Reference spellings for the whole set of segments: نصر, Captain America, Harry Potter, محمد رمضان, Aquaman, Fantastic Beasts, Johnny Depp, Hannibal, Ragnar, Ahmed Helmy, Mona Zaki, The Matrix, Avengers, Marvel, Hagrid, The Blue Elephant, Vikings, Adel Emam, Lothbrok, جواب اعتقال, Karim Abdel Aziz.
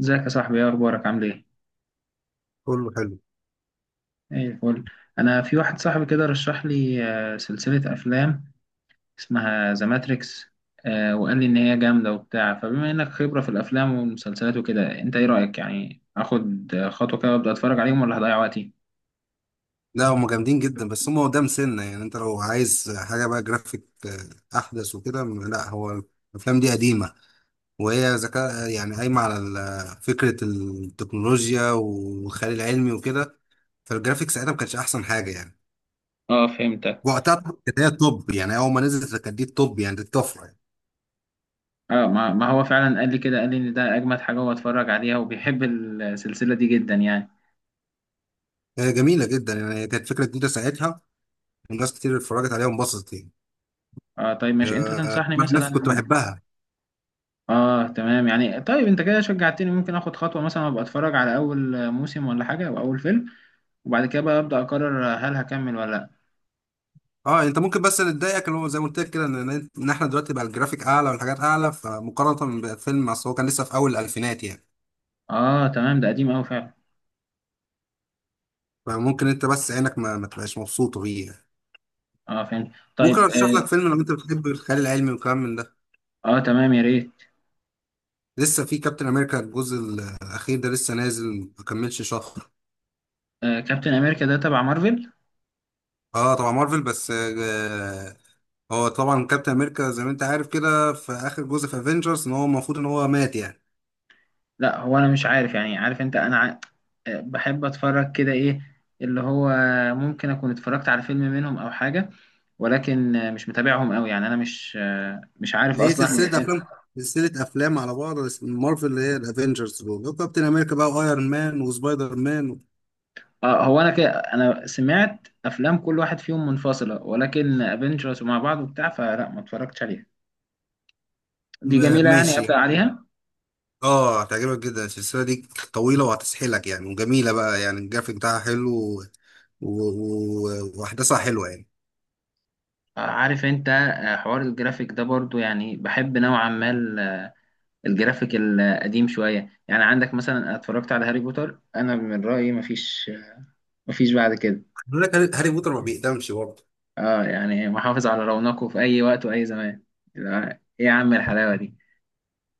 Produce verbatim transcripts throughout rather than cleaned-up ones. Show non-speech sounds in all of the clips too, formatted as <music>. ازيك يا صاحبي؟ ايه اخبارك؟ عامل ايه؟ كله حلو. ايه الفل؟ انا في واحد صاحبي كده رشح لي آه، سلسلة افلام، اسمها ذا ماتريكس، وقال لي ان هي جامدة وبتاع. فبما انك خبرة في الافلام والمسلسلات وكده، انت ايه رأيك يعني اخد خطوة كده وابدا اتفرج عليهم ولا هضيع وقتي؟ لا، هم جامدين جدا، بس هم قدام سنة يعني. انت لو عايز حاجة بقى جرافيك آه، احدث وكده، م- لا، هو الافلام دي قديمة. وهي ذكاء يعني، قايمة على ال- فكرة التكنولوجيا والخيال العلمي وكده. فالجرافيكس ساعتها ما كانتش احسن حاجة يعني، اه فهمتك. وقتها كانت هي التوب. يعني اول ما نزلت كانت دي التوب، يعني دي الطفرة يعني. اه ما ما هو فعلا قال لي كده، قال لي ان ده اجمد حاجة هو اتفرج عليها، وبيحب السلسلة دي جدا يعني. هي جميلة جدا يعني، هي كانت فكرة جديدة ساعتها، وناس كتير اتفرجت عليها وانبسطت يعني. اه طيب ماشي، انت آه، تنصحني انا نفسي مثلا؟ كنت بحبها. اه تمام يعني. طيب انت كده شجعتني، ممكن اخد خطوة مثلا ابقى اتفرج على اول موسم ولا حاجة او اول فيلم، وبعد كده بقى ابدا اقرر هل هكمل ولا لا. اه، انت ممكن، بس اللي تضايقك اللي هو زي ما قلت لك كده ان ان احنا دلوقتي بقى الجرافيك اعلى والحاجات اعلى، فمقارنه بالفيلم اصل هو كان لسه في اول الالفينات يعني. اه تمام ده قديم قوي فعلا. فممكن انت بس عينك ما, ما تبقاش مبسوطه بيه يعني. اه فهمت. ممكن طيب ارشح لك اه, فيلم، لو انت بتحب الخيال العلمي والكلام من ده. آه تمام يا ريت. لسه في كابتن امريكا الجزء الاخير ده، لسه نازل، ما كملش شهر. آه كابتن امريكا ده تبع مارفل؟ اه، طبعا مارفل، بس آه هو طبعا كابتن امريكا زي ما انت عارف كده، في اخر جزء في افنجرز ان هو المفروض ان هو مات يعني. لا هو انا مش عارف يعني. عارف انت، انا ع... آه بحب اتفرج كده ايه اللي هو، ممكن اكون اتفرجت على فيلم منهم او حاجة، ولكن آه، مش متابعهم قوي يعني. انا مش آه، مش عارف هي اصلا. سلسلة أفلام، سلسلة أفلام على بعض، بس من مارفل، اللي هي الأفينجرز دول، كابتن أمريكا بقى وأيرون مان وسبايدر مان و... اه هو انا كده، انا سمعت افلام كل واحد فيهم منفصله، ولكن افنجرز ومع بعض وبتاع فلا ما اتفرجتش عليها. دي ما- جميله يعني ماشي ابدا يعني. عليها؟ اه، هتعجبك جدا. السلسلة دي طويلة وهتسحلك يعني، وجميلة بقى يعني، الجرافيك بتاعها حلو و... و... و... وأحداثها حلوة يعني. آه، عارف انت، آه، حوار الجرافيك ده برضو يعني بحب نوعا ما ال- آه، الجرافيك القديم شويه. يعني عندك مثلا أنا اتفرجت على هاري بوتر، انا من رايي ما فيش، ما فيش بعد كده. بيقول لك هاري هاري بوتر ما بيقدمش برضه، اه يعني محافظ على رونقه في اي وقت واي زمان. لا، ايه يا عم الحلاوه دي.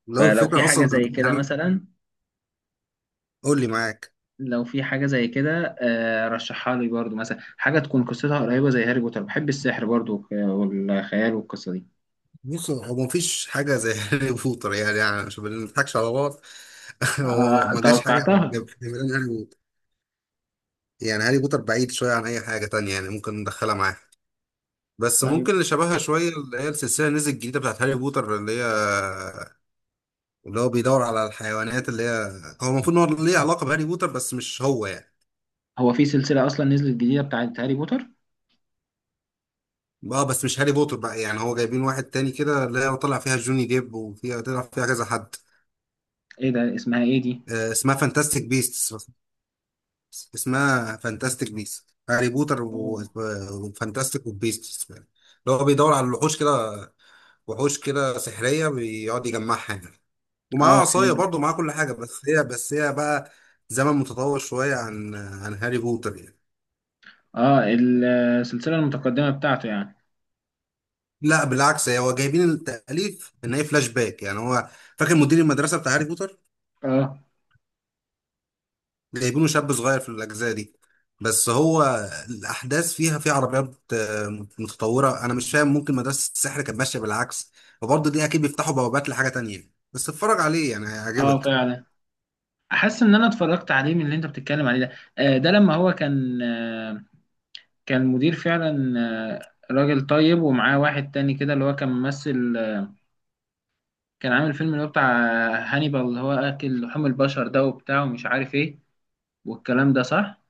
اللي هو فلو في الفكرة حاجه أصلا زي كده يعني. مثلا، قول لي معاك. لو في حاجة زي كده آه، رشحها لي برضو، مثلا حاجة تكون قصتها قريبة زي هاري بوتر. بحب السحر برضو وك- والخيال والقصة دي. بص، هو مفيش حاجة زي <laughs> هاري بوتر، يعني, يعني عشان ما نضحكش على بعض. <laughs> هو آه، ما جاش حاجة. توقعتها. جاب- جاب- يعني هاري بوتر بعيد شوية عن أي حاجة تانية، يعني ممكن ندخلها معاه. بس طيب ممكن اللي شبهها شوية، اللي هي السلسلة اللي نزلت الجديدة بتاعت هاري بوتر، اللي هي اللي هو بيدور على الحيوانات. اللي هي هو المفروض إن هو ليه علاقة بهاري بوتر، بس مش هو يعني. هو في سلسلة أصلا نزلت جديدة بتاعت هاري بوتر؟ اه، بس مش هاري بوتر بقى يعني، هو جايبين واحد تاني كده، اللي هي طلع فيها جوني ديب، وفيها طلع فيها كذا حد. إيه ده، اسمها إيه دي؟ آه، اسمها فانتاستيك بيست. اسمها فانتاستيك بيست هاري بوتر و- أوه. وفانتاستيك وبيست، اللي هو بيدور على الوحوش كده. وحوش كده سحرية، بيقعد يجمعها يعني، ومعاه آه عصاية فين؟ برضه، معاه كل حاجة، بس هي بس هي بقى زمن متطور شوية عن عن هاري بوتر يعني. آه. السلسلة المتقدمة بتاعته يعني؟ لا، بالعكس، هي هو جايبين التأليف إن هي فلاش باك يعني. هو فاكر مدير المدرسة بتاع هاري بوتر؟ آه. جايبينه شاب صغير في الأجزاء دي. بس هو الأحداث فيها في عربيات آه، متطورة، أنا مش فاهم، ممكن مدرسة السحر كانت ماشية بالعكس. وبرضه دي أكيد بيفتحوا بوابات لحاجة تانية، بس اتفرج عليه يعني، آه هيعجبك. فعلا، أحس إن أنا اتفرجت عليه، من اللي أنت بتتكلم عليه ده. آه ده لما هو كان آه كان مدير فعلا، آه راجل طيب، ومعاه واحد تاني كده اللي هو كان ممثل، كان عامل فيلم اللي هو بتاع هانيبال اللي هو اكل لحوم البشر ده وبتاع ومش عارف ايه، والكلام ده، صح؟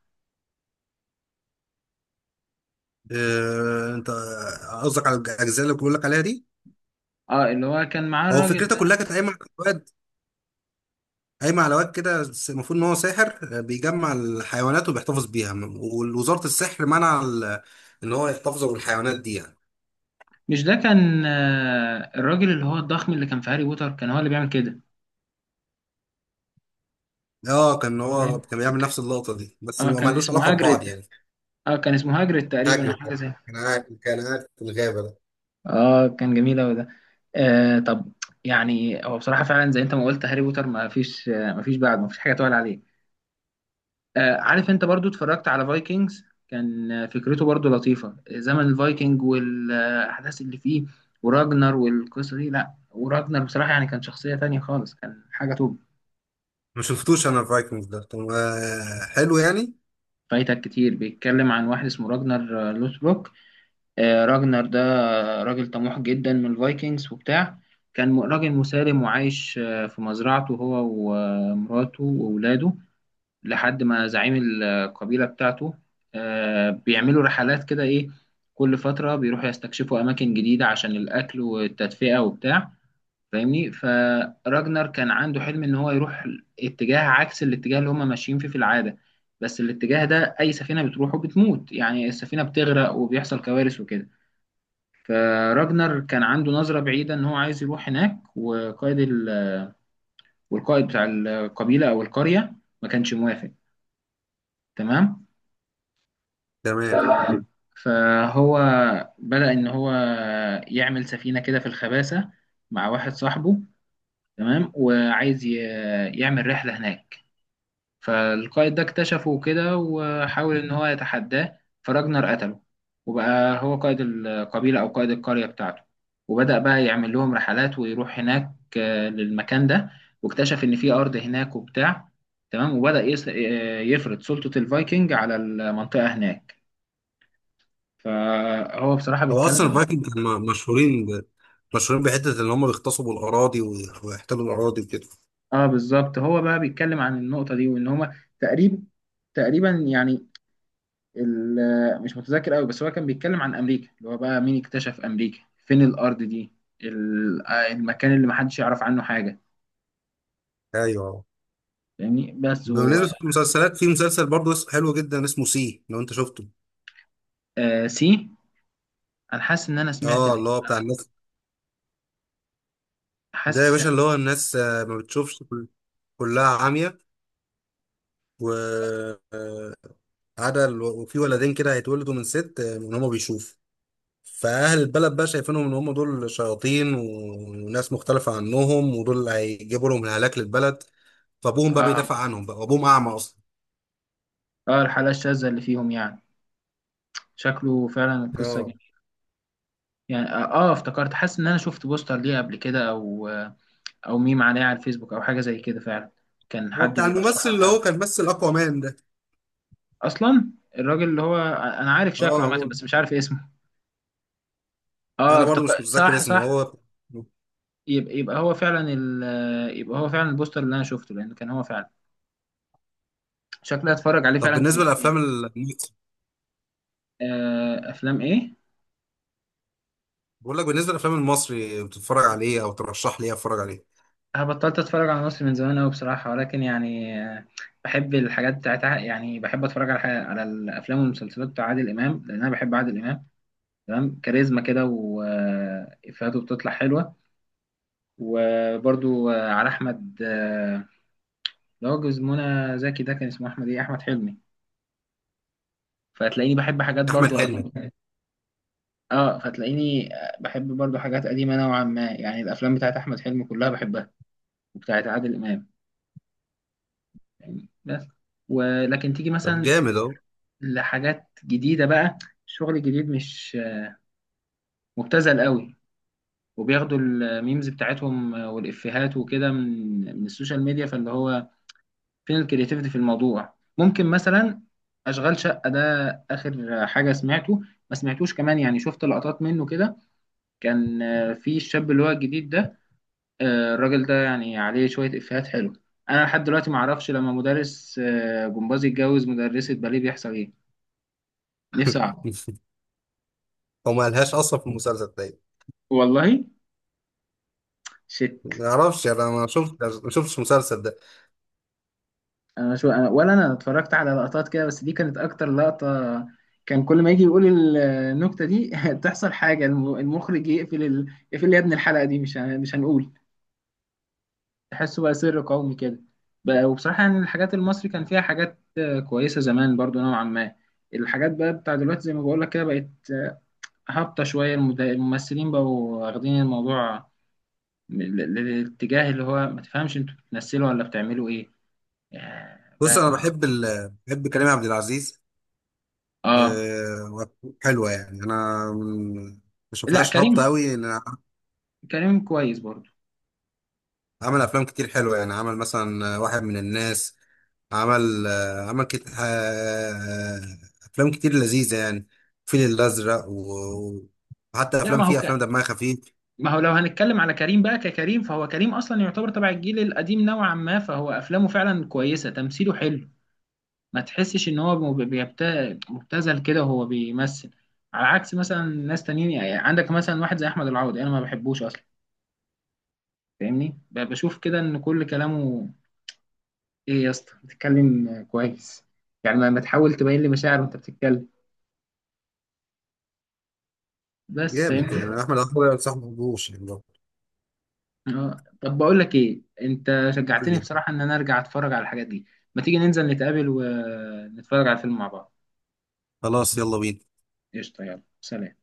آه، انت قصدك على الاجزاء اللي بقول لك عليها دي؟ اه اللي هو كان معاه هو الراجل فكرتها ده. كلها كانت قايمه على واد، قايمه على واد كده، س- المفروض ان هو ساحر، آه، بيجمع الحيوانات وبيحتفظ بيها، م- ووزاره السحر منع ال- ان هو يحتفظ بالحيوانات دي يعني. مش ده كان آه، الراجل اللي هو الضخم اللي كان في هاري بوتر كان هو اللي بيعمل كده؟ اه، كان هو فاهم؟ كان بيعمل ك- نفس اللقطه دي، بس اه ما كان ملوش علاقه اسمه ببعض هاجريد. يعني. اه كان اسمه هاجريد تقريبا او هاجرد حاجه ده، زي. كان قاعد كان قاعد في الغابه ده. اه كان جميل اوي ده. آه طب، يعني هو بصراحه فعلا زي انت ما قلت، هاري بوتر ما فيش، آه ما فيش بعد، ما فيش حاجه تقول عليه. آه، عارف انت، برضو اتفرجت على فايكنجز، كان آه، فكرته برضو لطيفة، زمن الفايكنج والأحداث اللي فيه وراجنر والقصة دي. لا وراجنر بصراحة يعني، كان شخصية تانية خالص، كان حاجة توب. ما شفتوش انا الفايكنجز ده. طب آه، حلو يعني؟ فايتك كتير بيتكلم عن واحد اسمه راجنر آه، لوثبروك. آه، راجنر ده راجل طموح جدا من الفايكنجز وبتاع. كان م- راجل مسالم وعايش آه، في مزرعته هو ومراته وأولاده، لحد ما زعيم القبيلة بتاعته آه، بيعملوا رحلات كده. إيه، كل فترة بيروحوا يستكشفوا أماكن جديدة عشان الأكل والتدفئة وبتاع، فاهمني؟ فراجنر كان عنده حلم إن هو يروح اتجاه عكس الاتجاه اللي هما ماشيين فيه في العادة. بس الاتجاه ده أي سفينة بتروحه بتموت، يعني السفينة بتغرق وبيحصل كوارث وكده. فراجنر كان عنده نظرة بعيدة إن هو عايز يروح هناك، وقائد ال... والقائد بتاع القبيلة أو القرية ما كانش موافق. تمام. ف... تمام. فهو بدأ إن هو يعمل سفينة كده في الخباسة مع واحد صاحبه، تمام، وعايز ي... يعمل رحلة هناك. فالقائد ده اكتشفه كده وحاول إن هو يتحداه، فراجنر قتله، وبقى هو قائد القبيلة أو قائد القرية بتاعته، وبدأ بقى يعمل لهم رحلات ويروح هناك آه، للمكان ده، واكتشف إن في أرض هناك وبتاع. تمام، وبدأ يس... آه، يفرض سلطة الفايكنج على المنطقة هناك. فهو بصراحة هو اصلا بيتكلم. الفايكنج كانوا م- مشهورين ب... مشهورين بحته ان هم بيغتصبوا الاراضي وي- ويحتلوا الاراضي وكده. آه، اه بالظبط، هو بقى بيتكلم عن النقطة دي، وان هما تقريبا، تقريبا يعني، ال- مش متذكر قوي، بس هو كان بيتكلم عن امريكا، اللي هو بقى مين اكتشف امريكا، فين الارض دي، ال- آه، المكان اللي محدش يعرف عنه حاجة، ايوه. فاهمني؟ بس و بالنسبه للمسلسلات، في مسلسل برضه اسمه- حلو جدا، اسمه سي، لو انت شفته؟ آه سي. انا حاسس ان انا سمعت اه، اللي الاسم، هو بتاع او الناس. ده يا حاسس باشا، اللي إن- هو الناس آه، ما بتشوفش، كل- كلها عاميه، و آه، عدا ال- وفي ولدين كده هيتولدوا من ست، آه، ان هم بيشوفوا. فأهل البلد بقى شايفينهم إن هم دول شياطين و- وناس مختلفة عنهم، ودول اللي هيجيبوا لهم الهلاك للبلد. فأبوهم بقى اه بيدافع عنهم بقى، وأبوهم أعمى أصلا. اه الحلقة الشاذة اللي فيهم يعني. شكله فعلا القصة اه، جميلة. يعني اه آه، افتكرت، حاسس ان انا شفت بوستر ليه قبل كده، او آه، او ميم عليها على الفيسبوك او حاجه زي كده فعلا، كان هو حد بتاع الممثل بيرشحه اللي لحد. هو كان مثل اكوامان ده. اصلا الراجل اللي هو انا عارف شكله اه، عامه هو، بس مش عارف اسمه. اه انا افتك... برضو مش متذكر صح، اسمه صح. هو. يبقى يبقى هو فعلا ال... يبقى هو فعلا البوستر اللي انا شفته، لان كان هو فعلا. شكلي هتفرج عليه طب، فعلا ك... بالنسبه للافلام المصري. آه... افلام ايه؟ بقول لك، بالنسبه للافلام المصري، بتتفرج على ايه او ترشح لي ايه اتفرج عليه؟ أنا بطلت اتفرج على مصر من زمان قوي بصراحه، ولكن يعني آه، بحب الحاجات بتاعتها، يعني بحب اتفرج على حاجة، على الافلام والمسلسلات بتاع عادل امام، لان انا بحب عادل امام. تمام، كاريزما كده وافيهاته بتطلع حلوه. وبرضو آه، على احمد آه، اللي هو جوز منى زكي ده، كان اسمه احمد ايه، احمد حلمي. فهتلاقيني بحب حاجات احمد برضو حلمي. قديمة. اه فتلاقيني آه، بحب برضو حاجات قديمه نوعا ما، يعني الافلام بتاعت احمد حلمي كلها بحبها، وبتاعت عادل امام يعني بس. ولكن تيجي طب مثلا جامد اهو. لحاجات جديده بقى، الشغل الجديد مش آه، مبتذل قوي، وبياخدوا الميمز بتاعتهم آه، والافيهات وكده من من السوشيال ميديا، فاللي هو فين الكرياتيفيتي في الموضوع؟ ممكن مثلا اشغال شقه ده، اخر حاجه سمعته، ما سمعتوش كمان يعني، شفت لقطات منه كده. كان آه، في الشاب اللي هو الجديد ده، آه، الراجل ده يعني عليه شويه افيهات حلو. انا لحد دلوقتي ما اعرفش، لما مدرس آه، جمباز يتجوز مدرسه باليه بيحصل ايه. نفسي اعرف. <laughs> هو ما لهاش اصلا في المسلسل ده. والله. شت. ما اعرفش، انا ما شفت ما شفتش المسلسل ده. انا شو أنا ولا انا اتفرجت على لقطات كده، بس دي كانت اكتر لقطة، كان كل ما يجي يقول ال- النكتة دي <laughs> تحصل حاجة، الم- المخرج يقفل ال... يقفل يا ابني الحلقة دي، مش هن- مش هنقول، تحسه بقى سر قومي كده. بقى وبصراحة يعني، الحاجات المصري كان فيها حاجات آه، كويسة زمان برضو نوعا ما. الحاجات بقى بتاع دلوقتي زي ما بقول لك كده، بقت هابطة شوية. المد- الممثلين بقوا واخدين الموضوع ل- ل- للاتجاه اللي هو ما تفهمش انتوا بتمثلوا ولا بتعملوا ايه. آه، بص، بقى انا بحب بقى- ال... بحب كريم عبد العزيز. اه. آه، حلوه يعني، انا من- ما لا بشوفهاش كريم، هابطه قوي. كريم كويس برضو. عمل افلام كتير حلوه يعني، عمل مثلا واحد من الناس، عمل آه، عمل كتير، آه، افلام كتير لذيذه يعني. الفيل الازرق و- وحتى لا افلام، ما هو فيها ك... افلام دمها خفيف. ما هو لو هنتكلم على كريم بقى، ككريم فهو كريم اصلا يعتبر تبع الجيل القديم نوعا ما، فهو افلامه فعلا كويسه، تمثيله حلو، ما تحسش ان هو مب- بيبت- مبتذل كده وهو بيمثل. على عكس مثلا ناس تانيين، يعني عندك مثلا واحد زي احمد العوضي، انا ما بحبوش اصلا، فاهمني؟ ب- بشوف كده ان كل كلامه، ايه يا اسطى بتتكلم كويس؟ يعني ما ما تحاول تبين لي مشاعر وانت بتتكلم، بس جامد فاهمني. يعني. احمد عمر صاحبي، ما بحبوش يعني برضه. اه طب بقول لك ايه، انت شجعتني كل- بصراحة ان انا ارجع اتفرج على الحاجات دي. ما تيجي ننزل نتقابل ونتفرج على الفيلم مع بعض. خلاص، يلا بينا. قشطة، يلا سلام.